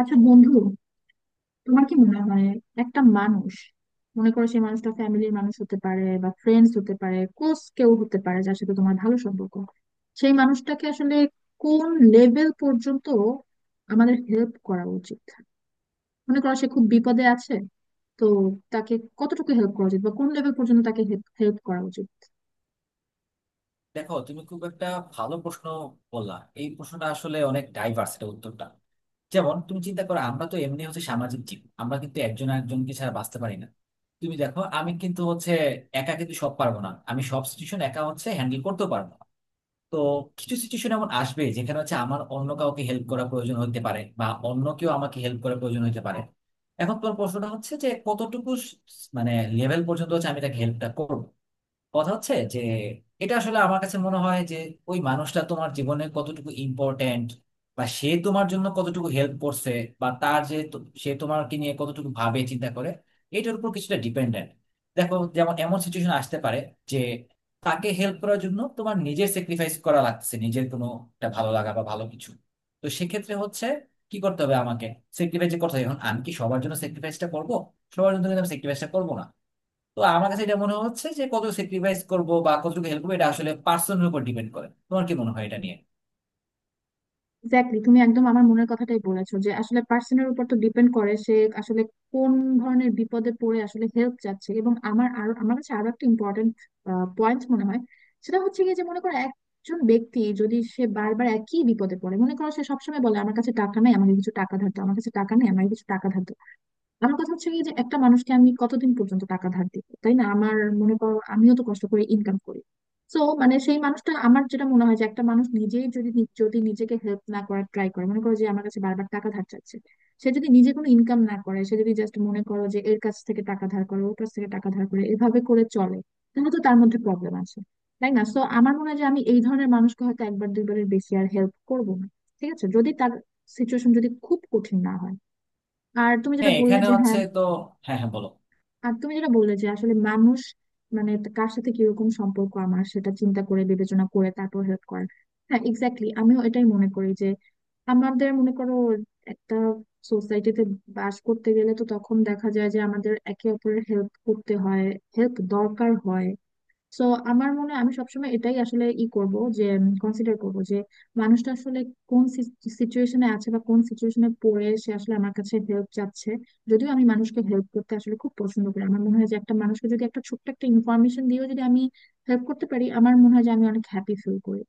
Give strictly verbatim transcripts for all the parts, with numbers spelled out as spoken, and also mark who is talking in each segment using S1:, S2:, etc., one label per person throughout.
S1: আচ্ছা বন্ধু, তোমার কি মনে হয় একটা মানুষ, মনে করো সেই মানুষটা ফ্যামিলির মানুষ হতে পারে বা ফ্রেন্ডস হতে পারে, ক্লোজ কেউ হতে পারে যার সাথে তোমার ভালো সম্পর্ক, সেই মানুষটাকে আসলে কোন লেভেল পর্যন্ত আমাদের হেল্প করা উচিত? মনে করো সে খুব বিপদে আছে, তো তাকে কতটুকু হেল্প করা উচিত বা কোন লেভেল পর্যন্ত তাকে হেল্প করা উচিত?
S2: দেখো, তুমি খুব একটা ভালো প্রশ্ন বললা। এই প্রশ্নটা আসলে অনেক ডাইভার্স এটা উত্তরটা। যেমন তুমি চিন্তা করো, আমরা তো এমনি হচ্ছে সামাজিক জীব, আমরা কিন্তু একজন আরেকজনকে ছাড়া বাঁচতে পারি না। তুমি দেখো, আমি কিন্তু হচ্ছে একা কিন্তু সব পারবো না, আমি সব সিচুয়েশন একা হচ্ছে হ্যান্ডেল করতেও পারবো না। তো কিছু সিচুয়েশন এমন আসবে যেখানে হচ্ছে আমার অন্য কাউকে হেল্প করা প্রয়োজন হতে পারে, বা অন্য কেউ আমাকে হেল্প করা প্রয়োজন হতে পারে। এখন তোমার প্রশ্নটা হচ্ছে যে কতটুকু স- মানে লেভেল পর্যন্ত হচ্ছে আমি তাকে হেল্পটা করবো। কথা হচ্ছে যে এটা আসলে আমার কাছে মনে হয় যে ওই মানুষটা তোমার জীবনে কতটুকু ইম্পর্ট্যান্ট, বা সে তোমার জন্য কতটুকু হেল্প করছে, বা তার যে তো- সে তোমাকে নিয়ে কতটুকু ভাবে চিন্তা করে। এটার উপর কিছুটা ডিপেন্ডেন্ট। দেখো, যেমন এমন সিচুয়েশন আসতে পারে যে তাকে হেল্প করার জন্য তোমার নিজের স্যাক্রিফাইস করা লাগছে, নিজের কোনো একটা ভালো লাগা বা ভালো কিছু। তো সেক্ষেত্রে হচ্ছে কি করতে হবে আমাকে? স্যাক্রিফাইস করতে হবে। এখন আমি কি সবার জন্য স্যাক্রিফাইসটা করবো? সবার জন্য কিন্তু আমি স্যাক্রিফাইসটা করবো না। তো আমার কাছে এটা মনে হচ্ছে যে কত স্যাক্রিফাইস করব বা কতটুকু হেল্প করবো এটা আসলে পার্সনের উপর ডিপেন্ড করে। তোমার কি মনে হয় এটা নিয়ে?
S1: এক্স্যাক্টলি, তুমি একদম আমার মনের কথাটাই বলেছো যে আসলে পার্সনের উপর তো ডিপেন্ড করে সে আসলে কোন ধরনের বিপদে পড়ে আসলে হেল্প চাচ্ছে। এবং আমার আরো, আমার কাছে আরো একটা ইম্পর্টেন্ট পয়েন্ট মনে হয়, সেটা হচ্ছে গিয়ে যে মনে করো একজন ব্যক্তি যদি সে বারবার একই বিপদে পড়ে, মনে করো সে সবসময় বলে আমার কাছে টাকা নাই আমাকে কিছু টাকা ধার দাও, আমার কাছে টাকা নেই আমাকে কিছু টাকা ধার দাও। আমার কথা হচ্ছে কি যে একটা মানুষকে আমি কতদিন পর্যন্ত টাকা ধার দিব, তাই না? আমার, মনে করো আমিও তো কষ্ট করে ইনকাম করি। তো মানে সেই মানুষটা, আমার যেটা মনে হয় যে একটা মানুষ নিজেই যদি নি- যদি নিজেকে হেল্প না করার ট্রাই করে, মনে করো যে আমার কাছে বারবার টাকা ধার চাচ্ছে, সে যদি নিজে কোনো ইনকাম না করে, সে যদি জাস্ট মনে করো যে এর কাছ থেকে টাকা ধার করে ওর কাছ থেকে টাকা ধার করে এভাবে করে চলে, তাহলে তো তার মধ্যে প্রবলেম আছে, তাই না? সো আমার মনে হয় যে আমি এই ধরনের মানুষকে হয়তো একবার দুইবারের বেশি আর হেল্প করবো না। ঠিক আছে, যদি তার সিচুয়েশন যদি খুব কঠিন না হয়। আর তুমি যেটা
S2: হ্যাঁ,
S1: বললে
S2: এখানে
S1: যে,
S2: হচ্ছে
S1: হ্যাঁ,
S2: তো। হ্যাঁ, হ্যাঁ, বলো।
S1: আর তুমি যেটা বললে যে আসলে মানুষ, মানে কার সাথে কিরকম সম্পর্ক আমার, সেটা চিন্তা করে বিবেচনা করে তারপর হেল্প করার। হ্যাঁ এক্স্যাক্টলি, আমিও এটাই মনে করি যে আমাদের, মনে করো একটা সোসাইটিতে বাস করতে গেলে তো তখন দেখা যায় যে আমাদের একে অপরের হেল্প করতে হয়, হেল্প দরকার হয়। সো আমার মনে হয় আমি সবসময় এটাই আসলে ই করব যে কনসিডার করব যে মানুষটা আসলে কোন সিচুয়েশনে আছে বা কোন সিচুয়েশনে পড়ে সে আসলে আমার কাছে হেল্প চাচ্ছে। যদিও আমি মানুষকে হেল্প করতে আসলে খুব পছন্দ করি, আমার মনে হয় যে একটা মানুষকে যদি একটা ছোট্ট একটা ইনফরমেশন দিয়েও যদি আমি হেল্প করতে পারি, আমার মনে হয় যে আমি অনেক হ্যাপি ফিল করি।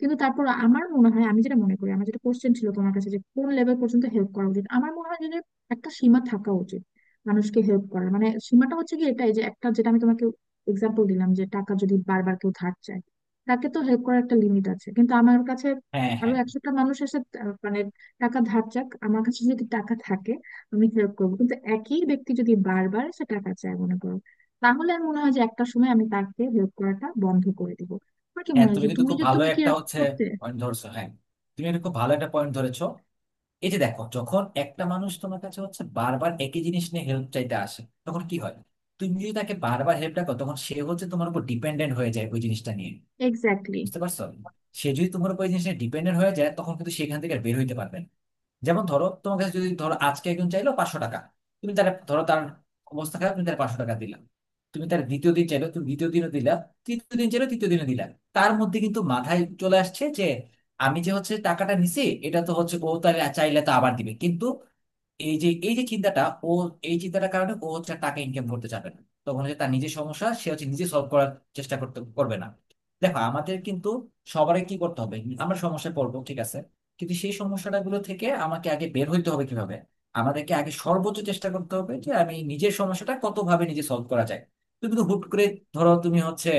S1: কিন্তু তারপর আমার মনে হয়, আমি যেটা মনে করি, আমার যেটা কোশ্চেন ছিল তোমার কাছে যে কোন লেভেল পর্যন্ত হেল্প করা উচিত, আমার মনে হয় যে একটা সীমা থাকা উচিত মানুষকে হেল্প করার। মানে সীমাটা হচ্ছে কি এটাই যে একটা, যেটা আমি তোমাকে এক্সাম্পল দিলাম যে টাকা যদি বারবার কেউ ধার চায়, তাকে তো হেল্প করার একটা লিমিট আছে। কিন্তু আমার কাছে
S2: হ্যাঁ,
S1: আরো
S2: হ্যাঁ,
S1: একশোটা মানুষ এসে আহ, মানে টাকা ধার চাক, আমার কাছে যদি টাকা থাকে আমি হেল্প করবো। কিন্তু একই ব্যক্তি যদি বারবার সে টাকা চায়, মনে করো, তাহলে আমি মনে হয় যে একটা সময় আমি তাকে হেল্প করাটা বন্ধ করে দিব। আমার কি
S2: হ্যাঁ।
S1: মনে হয়
S2: তুমি
S1: যে
S2: কিন্তু
S1: তুমি
S2: খুব
S1: যে,
S2: ভালো
S1: তুমি কি
S2: একটা
S1: এরকম
S2: হচ্ছে
S1: করতে?
S2: পয়েন্ট ধরছো, হ্যাঁ। তুমি এটা খুব ভালো একটা পয়েন্ট ধরেছো। এই যে দেখো, যখন একটা মানুষ তোমার কাছে হচ্ছে বারবার একই জিনিস নিয়ে হেল্প চাইতে আসে তখন কি হয়? তুমি যদি তাকে বারবার হেল্পটা করো তখন সে হচ্ছে তোমার উপর ডিপেন্ডেন্ট হয়ে যায় ওই জিনিসটা নিয়ে।
S1: এক্স্যাক্টলি,
S2: বুঝতে পারছো? সে যদি তোমার উপর ওই জিনিসটা ডিপেন্ডেন্ট হয়ে যায় তখন কিন্তু সেখান থেকে আর বের হইতে পারবে না। যেমন ধরো, তোমার কাছে যদি ধরো আজকে একজন চাইলো পাঁচশো টাকা। তুমি তার ধরো তার অবস্থা খারাপ, তুমি তার পাঁচশো টাকা দিলা। তুমি তার দ্বিতীয় দিন চাইলো, তুমি দ্বিতীয় দিনও দিলা। তৃতীয় দিন চাইলো, তৃতীয় দিনও দিলা। তার মধ্যে কিন্তু মাথায় চলে আসছে যে আমি যে হচ্ছে টাকাটা নিছি এটা তো হচ্ছে ও তাহলে চাইলে তো আবার দিবে কিন্তু। এই যে এই যে চিন্তাটা, ও এই চিন্তাটার কারণে ও হচ্ছে আর টাকা ইনকাম করতে চাবে না। তখন হচ্ছে তার নিজের সমস্যা সে হচ্ছে নিজে সলভ করার চেষ্টা করতে করবে না। দেখো, আমাদের কিন্তু সবারই কি করতে হবে, আমরা সমস্যায় পড়বো, ঠিক আছে, কিন্তু সেই সমস্যাটা গুলো থেকে আমাকে আগে বের হইতে হবে কিভাবে। আমাদেরকে আগে সর্বোচ্চ চেষ্টা করতে হবে যে আমি নিজের সমস্যাটা কত ভাবে নিজে সলভ করা যায়। তুমি তো হুট করে ধরো তুমি হচ্ছে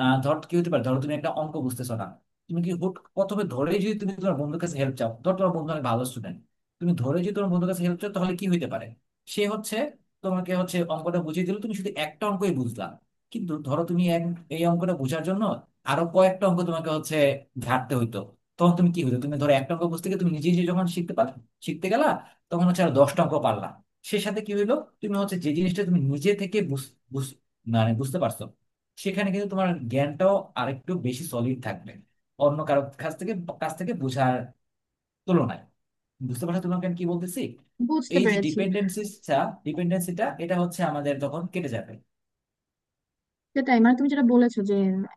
S2: আহ ধর কি হতে পারে, ধরো তুমি একটা অঙ্ক বুঝতেছো না। তুমি কি হুট প্রথমে ধরে যদি তুমি তোমার বন্ধুর কাছে হেল্প চাও, ধর তোমার বন্ধু অনেক ভালো স্টুডেন্ট, তুমি ধরে যদি তোমার বন্ধুর কাছে হেল্প চাও তাহলে কি হইতে পারে? সে হচ্ছে তোমাকে হচ্ছে অঙ্কটা বুঝিয়ে দিল, তুমি শুধু একটা অঙ্কই বুঝলা। কিন্তু ধরো তুমি এক- এই অঙ্কটা বোঝার জন্য আরো কয়েকটা অঙ্ক তোমাকে হচ্ছে ঘাটতে হইতো। তখন তুমি কি হতো, তুমি ধরো একটা অঙ্ক বুঝতে গিয়ে তুমি নিজে নিজে যখন শিখতে পার, শিখতে গেলা, তখন হচ্ছে আর দশটা অঙ্ক পারলা। সে সাথে কি হইলো, তুমি হচ্ছে যে জিনিসটা তুমি নিজে থেকে বুঝ- বুঝ- মানে বুঝতে পারছো, সেখানে কিন্তু তোমার জ্ঞানটাও আরেকটু বেশি সলিড থাকবে অন্য কারো কাছ থেকে কাছ থেকে বোঝার তুলনায়। বুঝতে পারছো তোমাকে আমি কি বলতেছি?
S1: বুঝতে
S2: এই যে
S1: পেরেছি।
S2: ডিপেন্ডেন্সিটা ডিপেন্ডেন্সিটা এটা হচ্ছে আমাদের তখন কেটে যাবে।
S1: সেটাই, মানে তুমি যেটা বলেছো যে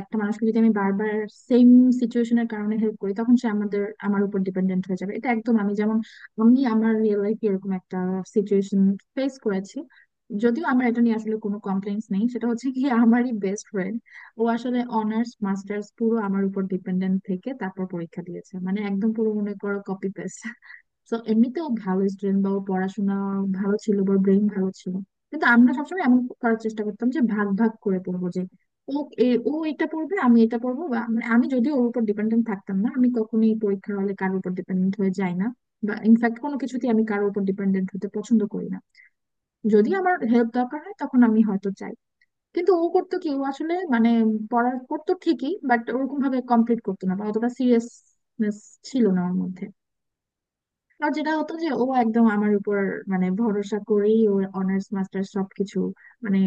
S1: একটা মানুষকে যদি আমি বারবার সেম সিচুয়েশনের কারণে হেল্প করি, তখন সে আমাদের, আমার উপর ডিপেন্ডেন্ট হয়ে যাবে। এটা একদম, আমি যেমন আমি আমার রিয়েল লাইফে এরকম একটা সিচুয়েশন ফেস করেছি। যদিও আমার এটা নিয়ে আসলে কোনো কমপ্লেন্টস নেই, সেটা হচ্ছে কি আমারই বেস্ট ফ্রেন্ড, ও আসলে অনার্স মাস্টার্স পুরো আমার উপর ডিপেন্ডেন্ট থেকে তারপর পরীক্ষা দিয়েছে, মানে একদম পুরো মনে করো কপি পেস্ট। তো এমনিতেও ভালো স্টুডেন্ট, বা ওর পড়াশোনা ভালো ছিল বা ব্রেইন ভালো ছিল, কিন্তু আমরা সবসময় এমন করার চেষ্টা করতাম যে ভাগ ভাগ করে পড়বো, যে ও এ- ও এটা পড়বে আমি এটা পড়বো। বা মানে আমি যদিও ওর উপর ডিপেন্ডেন্ট থাকতাম না, আমি কখনোই পরীক্ষার হলে কারোর উপর ডিপেন্ডেন্ট হয়ে যাই না, বা ইনফ্যাক্ট কোনো কিছুতেই আমি কারোর উপর ডিপেন্ডেন্ট হতে পছন্দ করি না। যদি আমার হেল্প দরকার হয় তখন আমি হয়তো চাই। কিন্তু ও করতো কি, ও আসলে মানে পড়ার করতো ঠিকই, বাট ওরকম ভাবে কমপ্লিট করতো না বা অতটা সিরিয়াসনেস ছিল না ওর মধ্যে। আর যেটা হতো যে ও একদম আমার উপর, মানে ভরসা করেই ওর অনার্স মাস্টার্স সবকিছু, মানে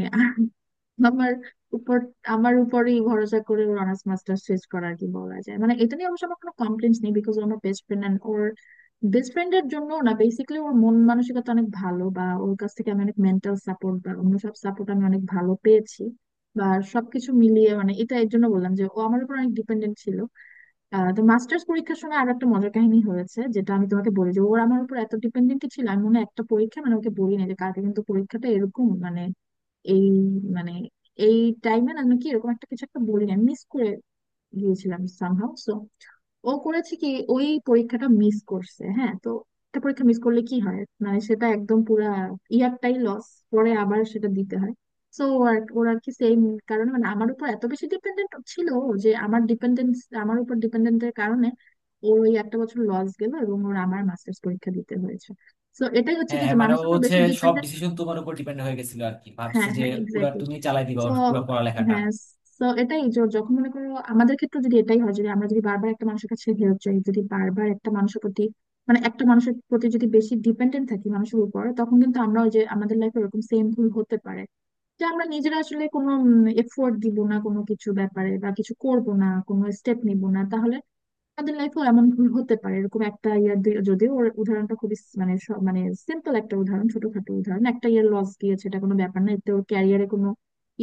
S1: আমার উপর, আমার উপরেই ভরসা করে ওর অনার্স মাস্টার্স শেষ করার কি বলা যায়। মানে এটা নিয়ে অবশ্য আমার কোনো কমপ্লেন নেই, বিকজ ও আমার বেস্ট ফ্রেন্ড অ্যান্ড ওর, বেস্ট ফ্রেন্ডের জন্য না, বেসিক্যালি ওর মন মানসিকতা অনেক ভালো, বা ওর কাছ থেকে আমি অনেক মেন্টাল সাপোর্ট বা অন্য সব সাপোর্ট আমি অনেক ভালো পেয়েছি। বা সবকিছু মিলিয়ে, মানে এটা এর জন্য বললাম যে ও আমার উপর অনেক ডিপেন্ডেন্ট ছিল। আহ, তো মাস্টার্স পরীক্ষার সময় আরো একটা মজার কাহিনী হয়েছে, যেটা আমি তোমাকে বলি যে ওর, আমার উপর এত ডিপেন্ডেন্ট ছিল, আমি মনে হয় একটা পরীক্ষা মানে ওকে বলি না যে কালকে কিন্তু পরীক্ষাটা, এরকম মানে এই, মানে এই টাইমে না নাকি এরকম একটা কিছু একটা বলি না, মিস করে গিয়েছিলাম সামহাউ। সো ও করেছে কি ওই পরীক্ষাটা মিস করছে। হ্যাঁ, তো একটা পরীক্ষা মিস করলে কি হয়, মানে সেটা একদম পুরা ইয়ারটাই লস, পরে আবার সেটা দিতে হয়। সো আর ওর আর কি সেম কারণে মানে আমার উপর এত বেশি ডিপেন্ডেন্ট ছিল ও, যে আমার ডিপেন্ডেন্স, আমার উপর ডিপেন্ডেন্টের কারণে ওর ওই একটা বছর লস গেল এবং ওর আমার মাস্টার্স পরীক্ষা দিতে হয়েছে। তো এটাই হচ্ছে
S2: হ্যাঁ
S1: কি যে
S2: হ্যাঁ, মানে ও
S1: মানুষের উপর
S2: হচ্ছে
S1: বেশি
S2: সব
S1: ডিপেন্ডেন্ট।
S2: ডিসিশন তোমার উপর ডিপেন্ড হয়ে গেছিল আর কি, ভাবছে
S1: হ্যাঁ,
S2: যে
S1: হ্যাঁ
S2: পুরা
S1: এক্স্যাক্টলি।
S2: তুমি চালাই দিবা
S1: তো
S2: ওর পুরো পড়ালেখাটা।
S1: হ্যাঁ, তো এটাই যে যখন মনে করো আমাদের ক্ষেত্রে যদি এটাই হয়, যদি আমরা যদি বারবার একটা মানুষের কাছে হেল্প চাই, যদি বারবার একটা মানুষের প্রতি, মানে একটা মানুষের প্রতি যদি বেশি ডিপেন্ডেন্ট থাকি মানুষের উপর, তখন কিন্তু আমরা ওই যে আমাদের লাইফে এরকম সেম ভুল হতে পারে যে আমরা নিজেরা আসলে কোনো এফোর্ট দিব না কোনো কিছু ব্যাপারে, বা কিছু করব না কোনো স্টেপ নিব না, তাহলে আমাদের লাইফেও এমন ভুল হতে পারে। এরকম একটা ইয়ার দুই, যদিও ওর উদাহরণটা খুবই স- মানে স- মানে সিম্পল একটা উদাহরণ, ছোটখাটো উদাহরণ, একটা ইয়ার লস গিয়েছে এটা কোনো ব্যাপার না, এতে ওর ক্যারিয়ারে কোনো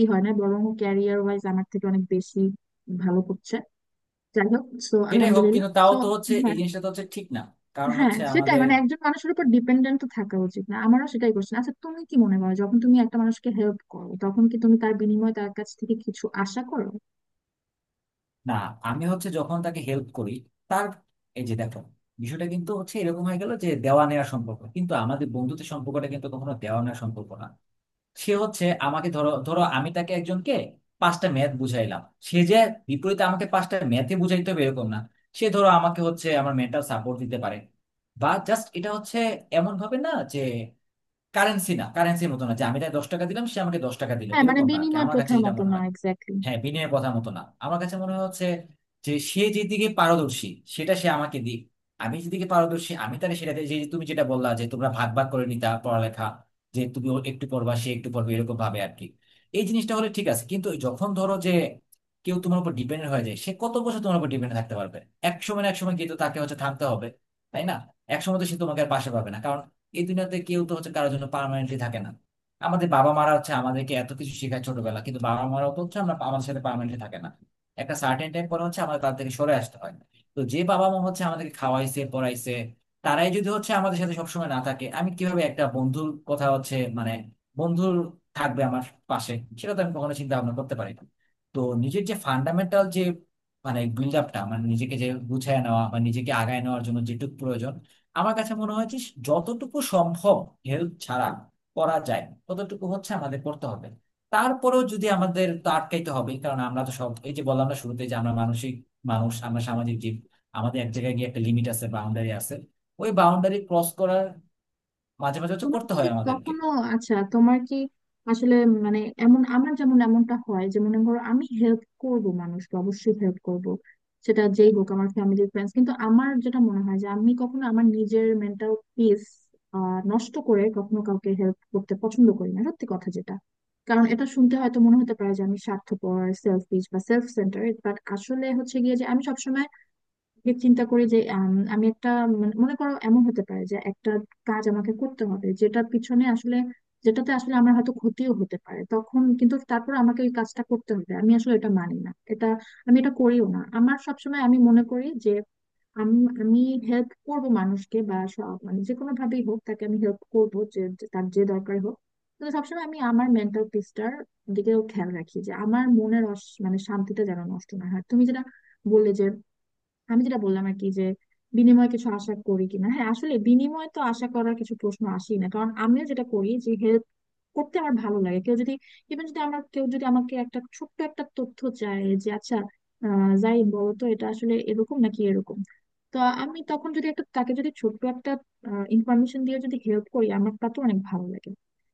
S1: ই হয় না, বরং ক্যারিয়ার ওয়াইজ আমার থেকে অনেক বেশি ভালো করছে। যাই হোক, সো
S2: যেটাই হোক,
S1: আলহামদুলিল্লাহ।
S2: কিন্তু তাও
S1: সো
S2: তো হচ্ছে এই
S1: হ্যাঁ,
S2: জিনিসটা তো হচ্ছে ঠিক না। কারণ
S1: হ্যাঁ,
S2: হচ্ছে
S1: সেটাই,
S2: আমাদের।
S1: মানে একজন মানুষের উপর ডিপেন্ডেন্ট তো থাকা উচিত না, আমারও সেটাই করছে। আচ্ছা, তুমি কি মনে করো যখন তুমি একটা মানুষকে হেল্প করো তখন কি তুমি তার বিনিময়ে তার কাছ থেকে কিছু আশা করো?
S2: না, আমি হচ্ছে যখন তাকে হেল্প করি তার এই যে দেখো, বিষয়টা কিন্তু হচ্ছে এরকম হয়ে গেল যে দেওয়া নেওয়ার সম্পর্ক, কিন্তু আমাদের বন্ধুত্বের সম্পর্কটা কিন্তু কখনো দেওয়া নেওয়ার সম্পর্ক না। সে হচ্ছে আমাকে ধরো, ধরো আমি তাকে একজনকে পাঁচটা ম্যাথ বুঝাইলাম, সে যে বিপরীতে আমাকে পাঁচটা ম্যাথে বুঝাইতে হবে এরকম না। সে ধরো আমাকে হচ্ছে আমার মেন্টাল সাপোর্ট দিতে পারে, বা জাস্ট এটা হচ্ছে এমন ভাবে না যে কারেন্সি না কারেন্সির মতো না, যে আমি তাকে দশ টাকা দিলাম সে আমাকে দশ টাকা দিল
S1: হ্যাঁ মানে
S2: এরকম না আর কি,
S1: বিনিময়
S2: আমার কাছে
S1: প্রথার
S2: যেটা
S1: মতো
S2: মনে
S1: না,
S2: হয়।
S1: এক্স্যাক্টলি।
S2: হ্যাঁ, বিনয়ের কথা মতো না, আমার কাছে মনে হচ্ছে যে সে যেদিকে পারদর্শী সেটা সে আমাকে দিক, আমি যেদিকে পারদর্শী আমি তাহলে সেটাতে, যে তুমি যেটা বললা যে তোমরা ভাগ ভাগ করে নিতা পড়ালেখা, যে তুমি ও একটু পড়বা সে একটু পড়বে এরকম ভাবে আর কি। এই জিনিসটা হলে ঠিক আছে, কিন্তু যখন ধরো যে কেউ তোমার উপর ডিপেন্ডেন্ট হয়ে যায় সে কত বছর তোমার উপর ডিপেন্ডেন্ট থাকতে পারবে? এক সময় না এক সময় কিন্তু তাকে হচ্ছে থামতে হবে, তাই না। এক সময় তো সে তোমাকে আর পাশে পাবে না, কারণ এই দুনিয়াতে কেউ তো হচ্ছে কারোর জন্য পার্মানেন্টলি থাকে না। আমাদের বাবা মারা হচ্ছে আমাদেরকে এত কিছু শেখায় ছোটবেলা, কিন্তু বাবা মারাও তো হচ্ছে আমরা আমাদের সাথে পার্মানেন্টলি থাকে না। একটা সার্টেন টাইম পরে হচ্ছে আমাদের তাদের থেকে সরে আসতে হয়। তো যে বাবা মা হচ্ছে আমাদেরকে খাওয়াইছে পড়াইছে তারাই যদি হচ্ছে আমাদের সাথে সবসময় না থাকে, আমি কিভাবে একটা বন্ধুর কথা হচ্ছে মানে বন্ধুর থাকবে আমার পাশে, সেটা তো আমি কখনো চিন্তা ভাবনা করতে পারি না। তো নিজের যে ফান্ডামেন্টাল যে মানে বিল্ড আপটা, মানে নিজেকে যে গুছায় নেওয়া বা নিজেকে আগায় নেওয়ার জন্য যেটুকু প্রয়োজন, আমার কাছে মনে হয় যে যতটুকু সম্ভব হেল্প ছাড়া করা যায় ততটুকু হচ্ছে আমাদের করতে হবে। তারপরেও যদি আমাদের তো আটকাইতে হবে, কারণ আমরা তো সব এই যে বললাম না শুরুতে যে আমরা মানসিক মানুষ, আমরা সামাজিক জীব, আমাদের এক জায়গায় গিয়ে একটা লিমিট আছে, বাউন্ডারি আছে। ওই বাউন্ডারি ক্রস করার মাঝে মাঝে হচ্ছে
S1: তোমার
S2: করতে
S1: কি
S2: হয় আমাদেরকে।
S1: কখনো, আচ্ছা তোমার কি আসলে, মানে এমন, আমার যেমন এমনটা হয় যে মনে করো আমি হেল্প করব মানুষকে, অবশ্যই হেল্প করব, সেটা যেই হোক আমার ফ্যামিলির ফ্রেন্ডস, কিন্তু আমার যেটা মনে হয় যে আমি কখনো আমার নিজের মেন্টাল পিস নষ্ট করে কখনো কাউকে হেল্প করতে পছন্দ করি না, সত্যি কথা যেটা। কারণ এটা শুনতে হয়তো মনে হতে পারে যে আমি স্বার্থপর, সেলফিশ বা সেলফ সেন্টারেড, বাট আসলে হচ্ছে গিয়ে যে আমি সবসময় যে চিন্তা করি যে আম, আমি একটা, মানে মনে করো এমন হতে পারে যে একটা কাজ আমাকে করতে হবে যেটা পিছনে আসলে, যেটাতে আসলে আমার হয়তো ক্ষতিও হতে পারে, তখন কিন্তু তারপর আমাকে ওই কাজটা করতে হবে, আমি আসলে এটা মানি না এটা, আমি এটা করিও না। আমার সবসময় আমি মনে করি যে আমি আমি হেল্প করব মানুষকে বা সব, মানে যে কোনো ভাবেই হোক তাকে আমি হেল্প করব যে যে- তার যে দরকার হোক। তো সবসময় আমি আমার মেন্টাল পিসটার দিকেও খেয়াল রাখি, যে আমার মনের অস- মানে শান্তিটা যেন নষ্ট না হয়। তুমি যেটা বললে যে, আমি যেটা বললাম আর কি যে বিনিময়ে কিছু আশা করি কিনা, হ্যাঁ আসলে বিনিময়ে তো আশা করার কিছু প্রশ্ন আসেই না, কারণ আমিও যেটা করি যে হেল্প করতে আমার ভালো লাগে। কেউ যদি, ইভেন যদি আমার কেউ যদি আমাকে একটা ছোট্ট একটা তথ্য চায় যে আচ্ছা, আহ জাহিদ বলো তো এটা আসলে এরকম নাকি এরকম, তো আমি তখন যদি একটা তাকে যদি ছোট্ট একটা ইনফরমেশন দিয়ে যদি হেল্প করি, আমার তা তো অনেক ভালো লাগে।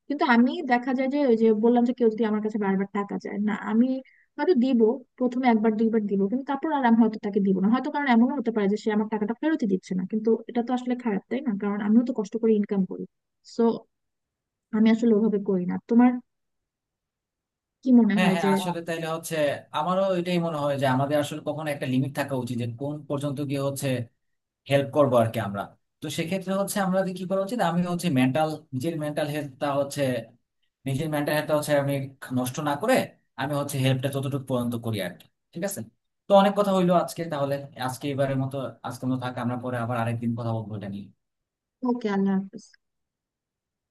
S1: কিন্তু আমি দেখা যায় যে ওই যে বললাম যে কেউ যদি আমার কাছে বারবার টাকা চায়, না আমি হয়তো দিব, প্রথমে একবার দুইবার দিব, কিন্তু তারপর আর আমি হয়তো তাকে দিব না হয়তো, কারণ এমনও হতে পারে যে সে আমার টাকাটা ফেরতই দিচ্ছে না, কিন্তু এটা তো আসলে খারাপ, তাই না? কারণ আমিও তো কষ্ট করে ইনকাম করি। সো আমি আসলে ওভাবে করি না। তোমার কি মনে
S2: হ্যাঁ
S1: হয়
S2: হ্যাঁ,
S1: যে,
S2: আসলে তাইলে হচ্ছে আমারও এটাই মনে হয় যে আমাদের আসলে কখনো একটা লিমিট থাকা উচিত যে কোন পর্যন্ত গিয়ে হচ্ছে হেল্প করবো আর কি আমরা। তো সেক্ষেত্রে হচ্ছে আমাদের কি করা উচিত, আমি হচ্ছে মেন্টাল নিজের মেন্টাল হেলথটা হচ্ছে নিজের মেন্টাল হেলথটা হচ্ছে আমি নষ্ট না করে আমি হচ্ছে হেল্পটা যতটুকু পর্যন্ত করি আর কি। ঠিক আছে, তো অনেক কথা হইলো আজকে তাহলে। আজকে এবারের মতো আজকের মতো থাক, আমরা পরে আবার আরেকদিন কথা বলবো এটা নিয়ে।
S1: ওকে, আল্লাহ হাফেজ।